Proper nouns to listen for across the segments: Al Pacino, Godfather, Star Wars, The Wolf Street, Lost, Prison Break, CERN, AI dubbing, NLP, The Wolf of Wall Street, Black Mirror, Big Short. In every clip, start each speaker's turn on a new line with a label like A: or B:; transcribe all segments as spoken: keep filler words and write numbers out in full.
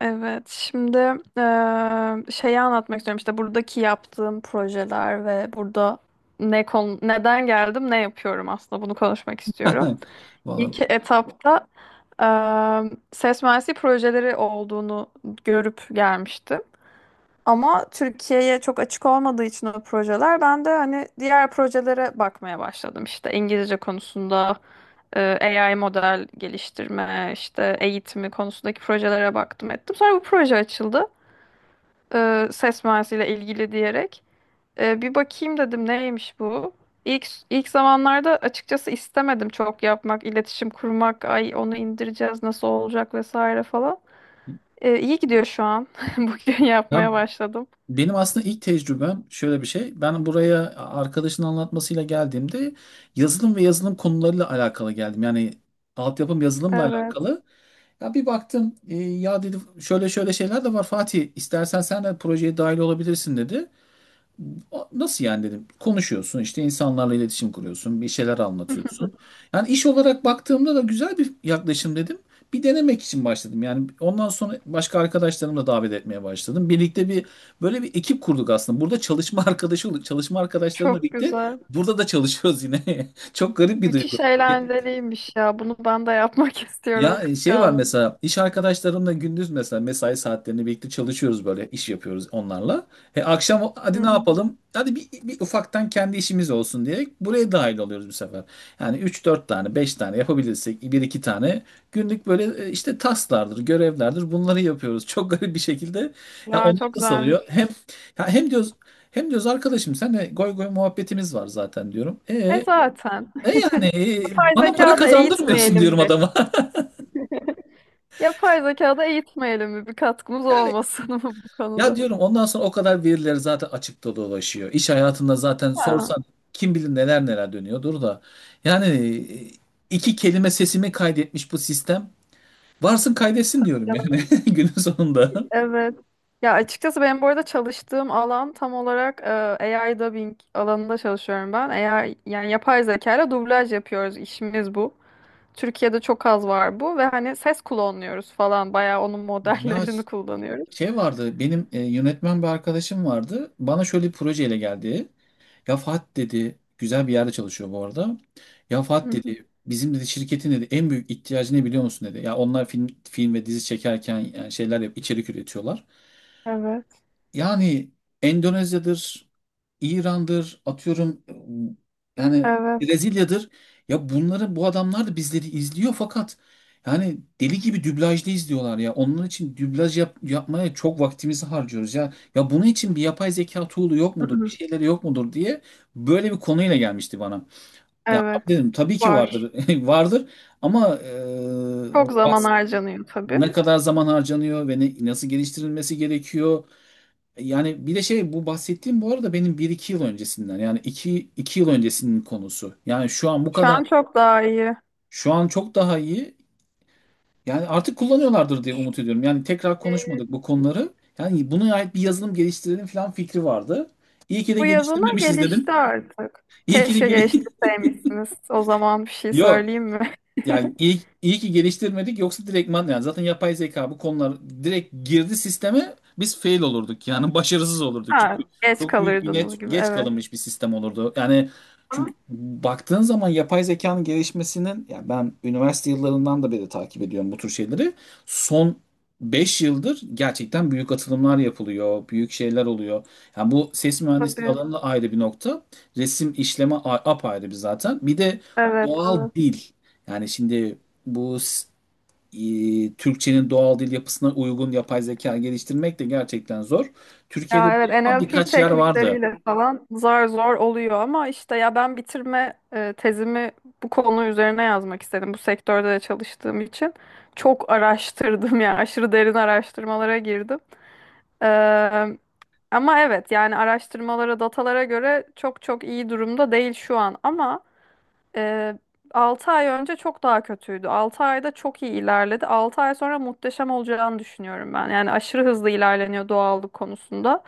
A: Evet, şimdi eee, şeyi anlatmak istiyorum. İşte buradaki yaptığım projeler ve burada ne konu, neden geldim, ne yapıyorum aslında bunu konuşmak istiyorum.
B: Vallahi.
A: İlk etapta eee ses mühendisliği projeleri olduğunu görüp gelmiştim. Ama Türkiye'ye çok açık olmadığı için o projeler ben de hani diğer projelere bakmaya başladım. İşte İngilizce konusunda e, A I model geliştirme, işte eğitimi konusundaki projelere baktım ettim. Sonra bu proje açıldı, e, ses mühendisiyle ilgili diyerek, e, bir bakayım dedim neymiş bu. İlk, ilk zamanlarda açıkçası istemedim çok yapmak, iletişim kurmak, ay onu indireceğiz nasıl olacak vesaire falan. E, iyi gidiyor şu an. Bugün
B: Ya
A: yapmaya başladım.
B: benim aslında ilk tecrübem şöyle bir şey. Ben buraya arkadaşın anlatmasıyla geldiğimde yazılım ve yazılım konularıyla alakalı geldim. Yani altyapım yazılımla
A: Evet.
B: alakalı. Ya bir baktım, e, ya dedi şöyle şöyle şeyler de var, Fatih, istersen sen de projeye dahil olabilirsin dedi. Nasıl yani dedim. Konuşuyorsun işte, insanlarla iletişim kuruyorsun, bir şeyler anlatıyorsun. Yani iş olarak baktığımda da güzel bir yaklaşım dedim. Bir denemek için başladım. Yani ondan sonra başka arkadaşlarımı da davet etmeye başladım. Birlikte bir böyle bir ekip kurduk aslında. Burada çalışma arkadaşı olduk. Çalışma arkadaşlarımla
A: Çok
B: birlikte
A: güzel.
B: burada da çalışıyoruz yine. Çok garip bir duygu.
A: Müthiş eğlenceliymiş ya. Bunu ben de yapmak istiyorum
B: Ya e, şey var
A: kıskandım.
B: mesela, iş arkadaşlarımla gündüz mesela mesai saatlerini birlikte çalışıyoruz, böyle iş yapıyoruz onlarla. E akşam
A: Hı
B: hadi ne
A: hı.
B: yapalım? Hadi bir, bir ufaktan kendi işimiz olsun diye buraya dahil oluyoruz bu sefer. Yani üç dört tane beş tane yapabilirsek, bir iki tane günlük böyle e, işte tasklardır görevlerdir bunları yapıyoruz. Çok garip bir şekilde ya,
A: Ya
B: onlar
A: çok
B: da salıyor.
A: güzelmiş.
B: Hem ya, hem diyoruz hem diyoruz arkadaşım, senle goy goy muhabbetimiz var zaten diyorum.
A: E
B: E,
A: zaten.
B: e yani e,
A: Yapay
B: bana para
A: zeka da
B: kazandırmıyorsun
A: eğitmeyelim
B: diyorum
A: bir.
B: adama.
A: Yapay zekada eğitmeyelim mi? Bir katkımız
B: Yani
A: olmasın mı bu
B: ya
A: konuda?
B: diyorum, ondan sonra o kadar verileri zaten açıkta dolaşıyor. İş hayatında zaten
A: Ha,
B: sorsan kim bilir neler neler dönüyordur da. Yani e, iki kelime sesimi kaydetmiş bu sistem. Varsın kaydetsin diyorum
A: ya-
B: yani, günün sonunda.
A: evet. Ya açıkçası benim bu arada çalıştığım alan tam olarak e, A I dubbing alanında çalışıyorum ben. Eğer yani yapay zeka ile dublaj yapıyoruz işimiz bu. Türkiye'de çok az var bu ve hani ses klonluyoruz falan bayağı onun
B: Ya
A: modellerini kullanıyoruz.
B: şey vardı benim, e, yönetmen bir arkadaşım vardı. Bana şöyle bir projeyle geldi. Ya Fat dedi, güzel bir yerde çalışıyor bu arada. Ya
A: Hı
B: Fat
A: hı.
B: dedi, bizim dedi şirketin dedi en büyük ihtiyacı ne biliyor musun dedi. Ya onlar film film ve dizi çekerken yani şeyler yap, içerik üretiyorlar.
A: Evet.
B: Yani Endonezya'dır, İran'dır, atıyorum yani
A: Evet.
B: Brezilya'dır. Ya bunları bu adamlar da bizleri izliyor fakat yani deli gibi dublajda izliyorlar ya. Onun için dublaj yap- yapmaya çok vaktimizi harcıyoruz ya. Ya bunun için bir yapay zeka tool'u yok
A: Hı
B: mudur, bir
A: hı.
B: şeyleri yok mudur diye böyle bir konuyla gelmişti bana. Ya abi
A: Evet.
B: dedim, tabii ki
A: Var.
B: vardır, vardır ama, e, bu
A: Çok zaman
B: bahs-
A: harcanıyor tabii.
B: ne kadar zaman harcanıyor ve ne, nasıl geliştirilmesi gerekiyor? Yani bir de şey, bu bahsettiğim bu arada benim bir iki yıl öncesinden, yani iki iki yıl öncesinin konusu. Yani şu an bu
A: Şu
B: kadar
A: an çok daha iyi.
B: şu an çok daha iyi. Yani artık kullanıyorlardır diye umut ediyorum. Yani tekrar konuşmadık bu konuları. Yani buna ait bir yazılım geliştirelim falan fikri vardı. İyi ki de
A: Bu yazına
B: geliştirmemişiz dedim.
A: gelişti artık.
B: İyi ki de
A: Keşke
B: gel
A: geliştirseymişsiniz. O zaman bir şey
B: Yo,
A: söyleyeyim mi?
B: yani iyi, iyi ki geliştirmedik, yoksa direktman yani zaten yapay zeka bu konular direkt girdi sisteme, biz fail olurduk yani, başarısız olurduk,
A: Ha,
B: çünkü
A: geç
B: çok büyük bir
A: kalırdınız
B: net,
A: gibi.
B: geç
A: Evet.
B: kalınmış bir sistem olurdu. Yani
A: Ama
B: çünkü baktığın zaman yapay zekanın gelişmesinin, ya, ben üniversite yıllarından da beri takip ediyorum bu tür şeyleri. Son beş yıldır gerçekten büyük atılımlar yapılıyor, büyük şeyler oluyor. Yani bu ses mühendisliği
A: tabii.
B: alanında ayrı bir nokta, resim işleme a- apayrı bir zaten. Bir de
A: Evet,
B: doğal
A: evet.
B: dil. Yani şimdi bu s- e, Türkçenin doğal dil yapısına uygun yapay zeka geliştirmek de gerçekten zor. Türkiye'de
A: Ya
B: bunu
A: evet
B: yapan
A: N L P
B: birkaç yer vardı.
A: teknikleriyle falan zar zor oluyor ama işte ya ben bitirme e, tezimi bu konu üzerine yazmak istedim. Bu sektörde de çalıştığım için çok araştırdım yani aşırı derin araştırmalara girdim. Eee, ama evet yani araştırmalara, datalara göre çok çok iyi durumda değil şu an ama Ee, altı ay önce çok daha kötüydü. Altı ayda çok iyi ilerledi. Altı ay sonra muhteşem olacağını düşünüyorum ben. Yani aşırı hızlı ilerleniyor doğallık konusunda.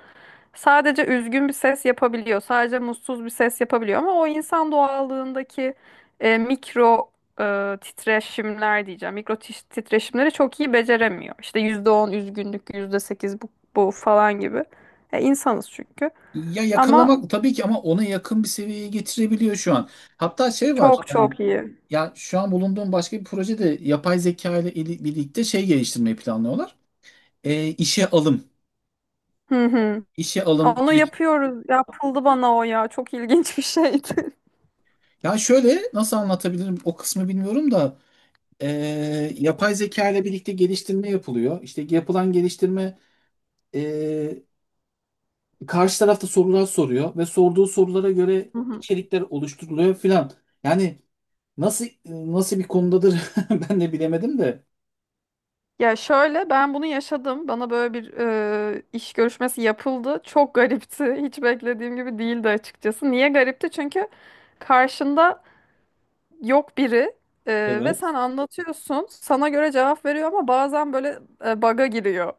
A: Sadece üzgün bir ses yapabiliyor. Sadece mutsuz bir ses yapabiliyor. Ama o insan doğallığındaki e, mikro e, titreşimler diyeceğim. Mikro tiş- titreşimleri çok iyi beceremiyor. İşte yüzde on üzgünlük, yüzde sekiz bu, bu falan gibi. E, insanız çünkü.
B: Ya
A: Ama
B: yakalamak tabii ki, ama ona yakın bir seviyeye getirebiliyor şu an. Hatta şey var
A: çok
B: yani,
A: çok iyi.
B: ya, şu an bulunduğum başka bir projede yapay zeka ile ili- birlikte şey geliştirmeyi planlıyorlar. E, işe alım.
A: Hı hı.
B: İşe alım
A: Onu
B: süreci.
A: yapıyoruz. Yapıldı bana o ya. Çok ilginç bir şeydi.
B: Ya şöyle, nasıl anlatabilirim o kısmı bilmiyorum da, e, yapay zeka ile birlikte geliştirme yapılıyor. İşte yapılan geliştirme, Ee, karşı tarafta sorular soruyor ve sorduğu sorulara göre
A: Hı hı.
B: içerikler oluşturuluyor filan. Yani nasıl nasıl bir konudadır, ben de bilemedim de.
A: Ya şöyle ben bunu yaşadım. Bana böyle bir e, iş görüşmesi yapıldı. Çok garipti. Hiç beklediğim gibi değildi açıkçası. Niye garipti? Çünkü karşında yok biri, e, ve
B: Evet.
A: sen anlatıyorsun. Sana göre cevap veriyor ama bazen böyle e, bug'a giriyor.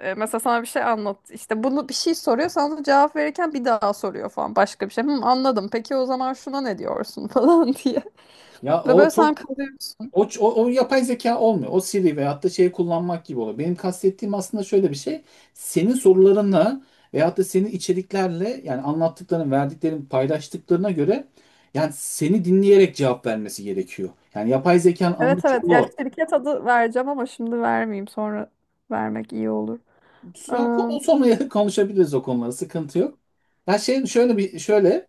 A: E, mesela sana bir şey anlat. İşte bunu bir şey soruyor. Sana da cevap verirken bir daha soruyor falan başka bir şey. Hı, anladım. Peki o zaman şuna ne diyorsun falan diye.
B: Ya
A: Ve
B: o
A: böyle sen
B: çok
A: kalıyorsun.
B: o, ç- o, o yapay zeka olmuyor. O Siri veyahut da şey kullanmak gibi oluyor. Benim kastettiğim aslında şöyle bir şey. Senin sorularınla veyahut da senin içeriklerle, yani anlattıkların, verdiklerin, paylaştıklarına göre, yani seni dinleyerek cevap vermesi gerekiyor. Yani yapay zekanın
A: Evet,
B: amacı
A: evet. Ya
B: o.
A: şirket adı vereceğim ama şimdi vermeyeyim. Sonra vermek iyi olur. Eee,
B: Ya, ko- sonra konuşabiliriz o konuları. Sıkıntı yok. Ben şey şöyle bir şöyle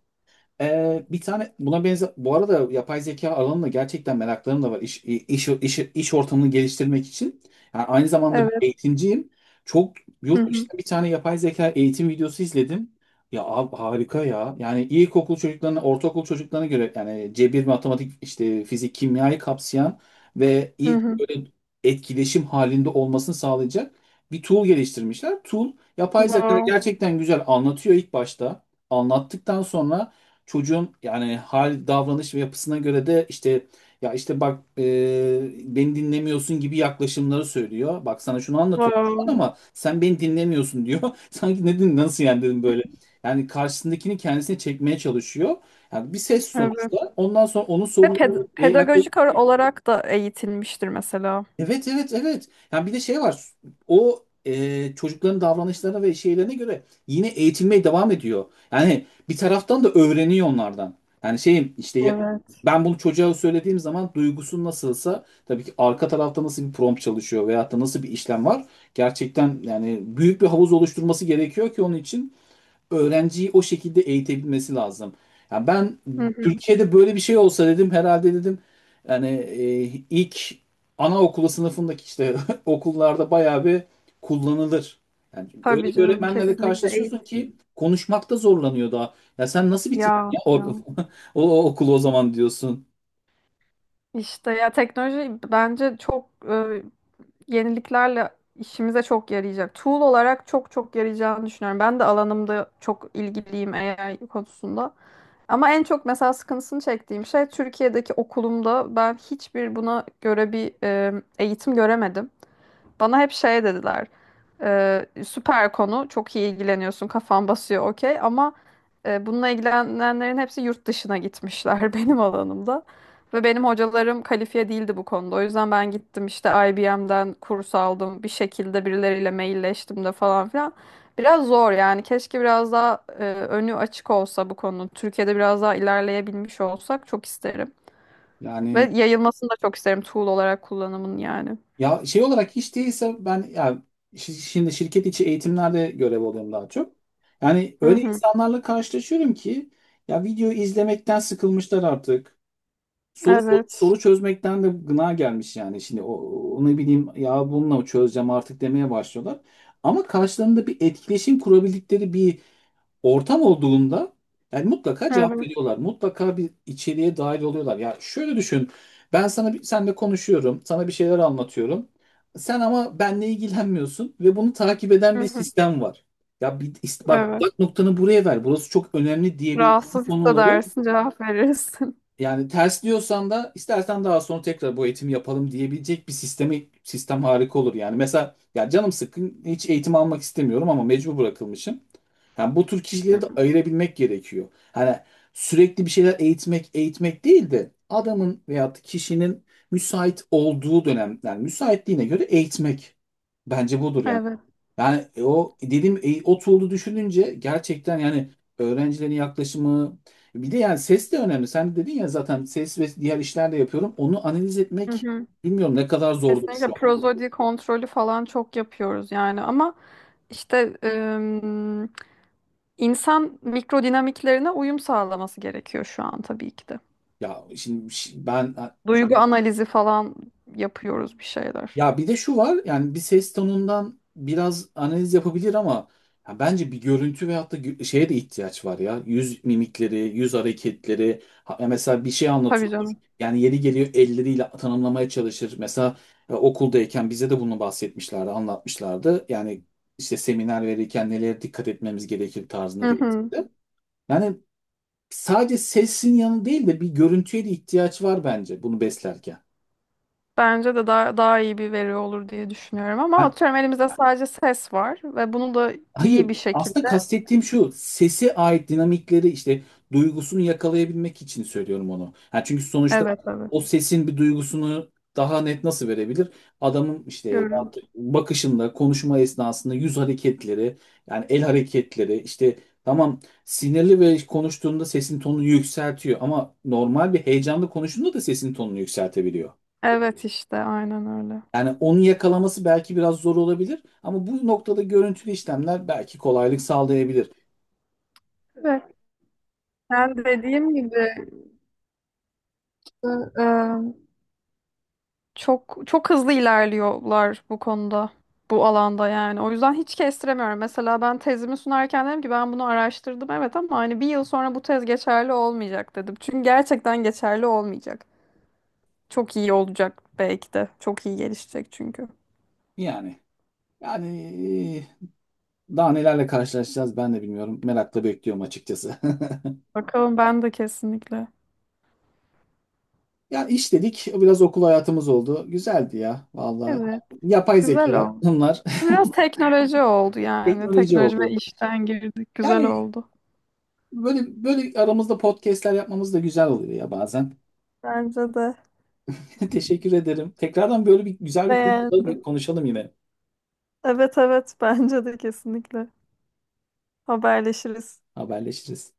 B: ee, bir tane buna benzer, bu arada yapay zeka alanında gerçekten meraklarım da var, iş iş iş, iş ortamını geliştirmek için. Yani aynı zamanda bir
A: evet.
B: eğitimciyim. Çok,
A: Hı
B: yurt
A: hı.
B: dışında bir tane yapay zeka eğitim videosu izledim. Ya abi harika ya. Yani ilkokul çocuklarına, ortaokul çocuklarına göre, yani cebir, matematik, işte fizik, kimyayı kapsayan ve
A: Hı
B: ilk
A: hı.
B: böyle etkileşim halinde olmasını sağlayacak bir tool geliştirmişler. Tool, yapay zeka
A: Wow.
B: gerçekten güzel anlatıyor ilk başta. Anlattıktan sonra çocuğun yani hal, davranış ve yapısına göre de işte, ya işte bak, e, beni dinlemiyorsun gibi yaklaşımları söylüyor. Bak, sana şunu anlatıyorum şu an
A: Wow.
B: ama sen beni dinlemiyorsun diyor. Sanki, ne din nasıl yani dedim böyle. Yani karşısındakini kendisine çekmeye çalışıyor. Yani bir ses
A: Evet.
B: sonuçta. Ondan sonra onun
A: Ve
B: soruları
A: ped-
B: ve
A: pedagojik
B: yaklaşımları.
A: ara- olarak da eğitilmiştir mesela.
B: Evet, evet, evet. Yani bir de şey var. O, e, çocukların davranışlarına ve şeylerine göre yine eğitilmeye devam ediyor. Yani bir taraftan da öğreniyor onlardan. Yani şeyim işte, ya-
A: Evet.
B: ben bunu çocuğa söylediğim zaman duygusu nasılsa, tabii ki arka tarafta nasıl bir prompt çalışıyor veyahut da nasıl bir işlem var. Gerçekten yani büyük bir havuz oluşturması gerekiyor ki onun için öğrenciyi o şekilde eğitebilmesi lazım. Ya ben,
A: Hı hı.
B: Türkiye'de böyle bir şey olsa dedim, herhalde dedim, yani, e, ilk anaokulu sınıfındaki işte, okullarda bayağı bir kullanılır. Yani öyle
A: Tabii
B: bir
A: canım,
B: öğretmenlerle
A: kesinlikle
B: karşılaşıyorsun
A: eğit.
B: ki, konuşmakta zorlanıyor daha. Ya sen nasıl bitirdin
A: Ya
B: ya or-
A: ya.
B: o, o okulu o zaman diyorsun.
A: İşte ya teknoloji bence çok yeniliklerle işimize çok yarayacak. Tool olarak çok çok yarayacağını düşünüyorum. Ben de alanımda çok ilgiliyim A I konusunda. Ama en çok mesela sıkıntısını çektiğim şey Türkiye'deki okulumda ben hiçbir buna göre bir e, eğitim göremedim. Bana hep şey dediler. Ee, süper konu. Çok iyi ilgileniyorsun. Kafan basıyor okey. Ama e, bununla ilgilenenlerin hepsi yurt dışına gitmişler benim alanımda. Ve benim hocalarım kalifiye değildi bu konuda. O yüzden ben gittim işte I B M'den kurs aldım. Bir şekilde birileriyle mailleştim de falan filan. Biraz zor yani. Keşke biraz daha e, önü açık olsa bu konunun. Türkiye'de biraz daha ilerleyebilmiş olsak çok isterim. Ve
B: Yani,
A: yayılmasını da çok isterim tool olarak kullanımın yani.
B: ya şey olarak hiç değilse ben, ya şi- şimdi şirket içi eğitimlerde görev alıyorum daha çok. Yani
A: Hı
B: öyle
A: hı.
B: insanlarla karşılaşıyorum ki ya, video izlemekten sıkılmışlar artık. Soru so-
A: Evet.
B: soru çözmekten de gına gelmiş yani. Şimdi o, onu bileyim, ya bununla çözeceğim artık demeye başlıyorlar. Ama karşılarında bir etkileşim kurabildikleri bir ortam olduğunda yani mutlaka cevap
A: Evet.
B: veriyorlar. Mutlaka bir içeriğe dahil oluyorlar. Ya şöyle düşün. Ben sana bir, senle konuşuyorum. Sana bir şeyler anlatıyorum. Sen ama benle ilgilenmiyorsun ve bunu takip eden
A: Hı
B: bir
A: hı.
B: sistem var. Ya bir, bak
A: Evet.
B: bak, noktanı buraya ver. Burası çok önemli diyebileceğim
A: Rahatsız
B: konuları
A: hissedersin, cevap verirsin.
B: yani, ters diyorsan da istersen daha sonra tekrar bu eğitimi yapalım diyebilecek bir sistemi sistem harika olur yani. Mesela, ya canım sıkkın, hiç eğitim almak istemiyorum ama mecbur bırakılmışım. Yani bu tür kişileri de ayırabilmek gerekiyor. Hani sürekli bir şeyler eğitmek eğitmek değil de, adamın veyahut kişinin müsait olduğu dönem, yani müsaitliğine göre eğitmek. Bence budur yani.
A: Evet.
B: Yani, e, o dedim, e, o tool'u düşününce gerçekten yani, öğrencilerin yaklaşımı, bir de yani ses de önemli. Sen dedin ya, zaten ses ve diğer işler de yapıyorum. Onu analiz
A: Hı
B: etmek
A: hı.
B: bilmiyorum ne kadar zordur şu
A: Kesinlikle
B: an.
A: prozodi kontrolü falan çok yapıyoruz yani ama işte ım, insan mikrodinamiklerine uyum sağlaması gerekiyor şu an tabii ki de.
B: Ya şimdi, şi- ben,
A: Duygu analizi falan yapıyoruz bir şeyler.
B: ya bir de şu var yani, bir ses tonundan biraz analiz yapabilir ama, ya bence bir görüntü veyahut da gü- şeye de ihtiyaç var ya. Yüz mimikleri, yüz hareketleri. Ha- ya mesela bir şey
A: Tabii
B: anlatıyordur.
A: canım.
B: Yani yeri geliyor elleriyle tanımlamaya çalışır. Mesela e, okuldayken bize de bunu bahsetmişlerdi, anlatmışlardı. Yani işte seminer verirken nelere dikkat etmemiz gerekir tarzında
A: Hı
B: bir etkisi.
A: hı.
B: Yani sadece sesin yanı değil de bir görüntüye de ihtiyaç var bence bunu beslerken.
A: Bence de daha, daha iyi bir veri olur diye düşünüyorum ama atıyorum elimizde sadece ses var ve bunu da
B: Hayır,
A: iyi bir
B: aslında
A: şekilde.
B: kastettiğim şu, sese ait dinamikleri işte, duygusunu yakalayabilmek için söylüyorum onu. Ha, çünkü sonuçta
A: Evet, evet.
B: o sesin bir duygusunu daha net nasıl verebilir? Adamın işte
A: Görüntü.
B: bakışında, konuşma esnasında yüz hareketleri, yani el hareketleri, işte, tamam sinirli ve konuştuğunda sesin tonunu yükseltiyor, ama normal bir heyecanlı konuştuğunda da sesin tonunu yükseltebiliyor.
A: Evet işte aynen öyle.
B: Yani onu yakalaması belki biraz zor olabilir ama bu noktada görüntülü işlemler belki kolaylık sağlayabilir.
A: Evet. Ben dediğim gibi e, e, çok çok hızlı ilerliyorlar bu konuda, bu alanda yani. O yüzden hiç kestiremiyorum. Mesela ben tezimi sunarken dedim ki ben bunu araştırdım evet, ama hani bir yıl sonra bu tez geçerli olmayacak dedim. Çünkü gerçekten geçerli olmayacak. Çok iyi olacak belki de. Çok iyi gelişecek çünkü.
B: Yani, yani daha nelerle karşılaşacağız ben de bilmiyorum. Merakla bekliyorum açıkçası.
A: Bakalım, ben de kesinlikle.
B: Yani iş dedik, biraz okul hayatımız oldu. Güzeldi ya, vallahi.
A: Evet,
B: Yani yapay
A: güzel
B: zeka,
A: o.
B: bunlar
A: Biraz teknoloji oldu yani.
B: teknoloji
A: Teknoloji ve
B: oldu.
A: işten girdik. Güzel
B: Yani
A: oldu.
B: böyle böyle aramızda podcastler yapmamız da güzel oluyor ya bazen.
A: Bence de
B: Teşekkür ederim. Tekrardan böyle bir güzel bir konuda bir
A: beğendim.
B: konuşalım yine.
A: Evet, evet, bence de kesinlikle. Haberleşiriz.
B: Haberleşiriz.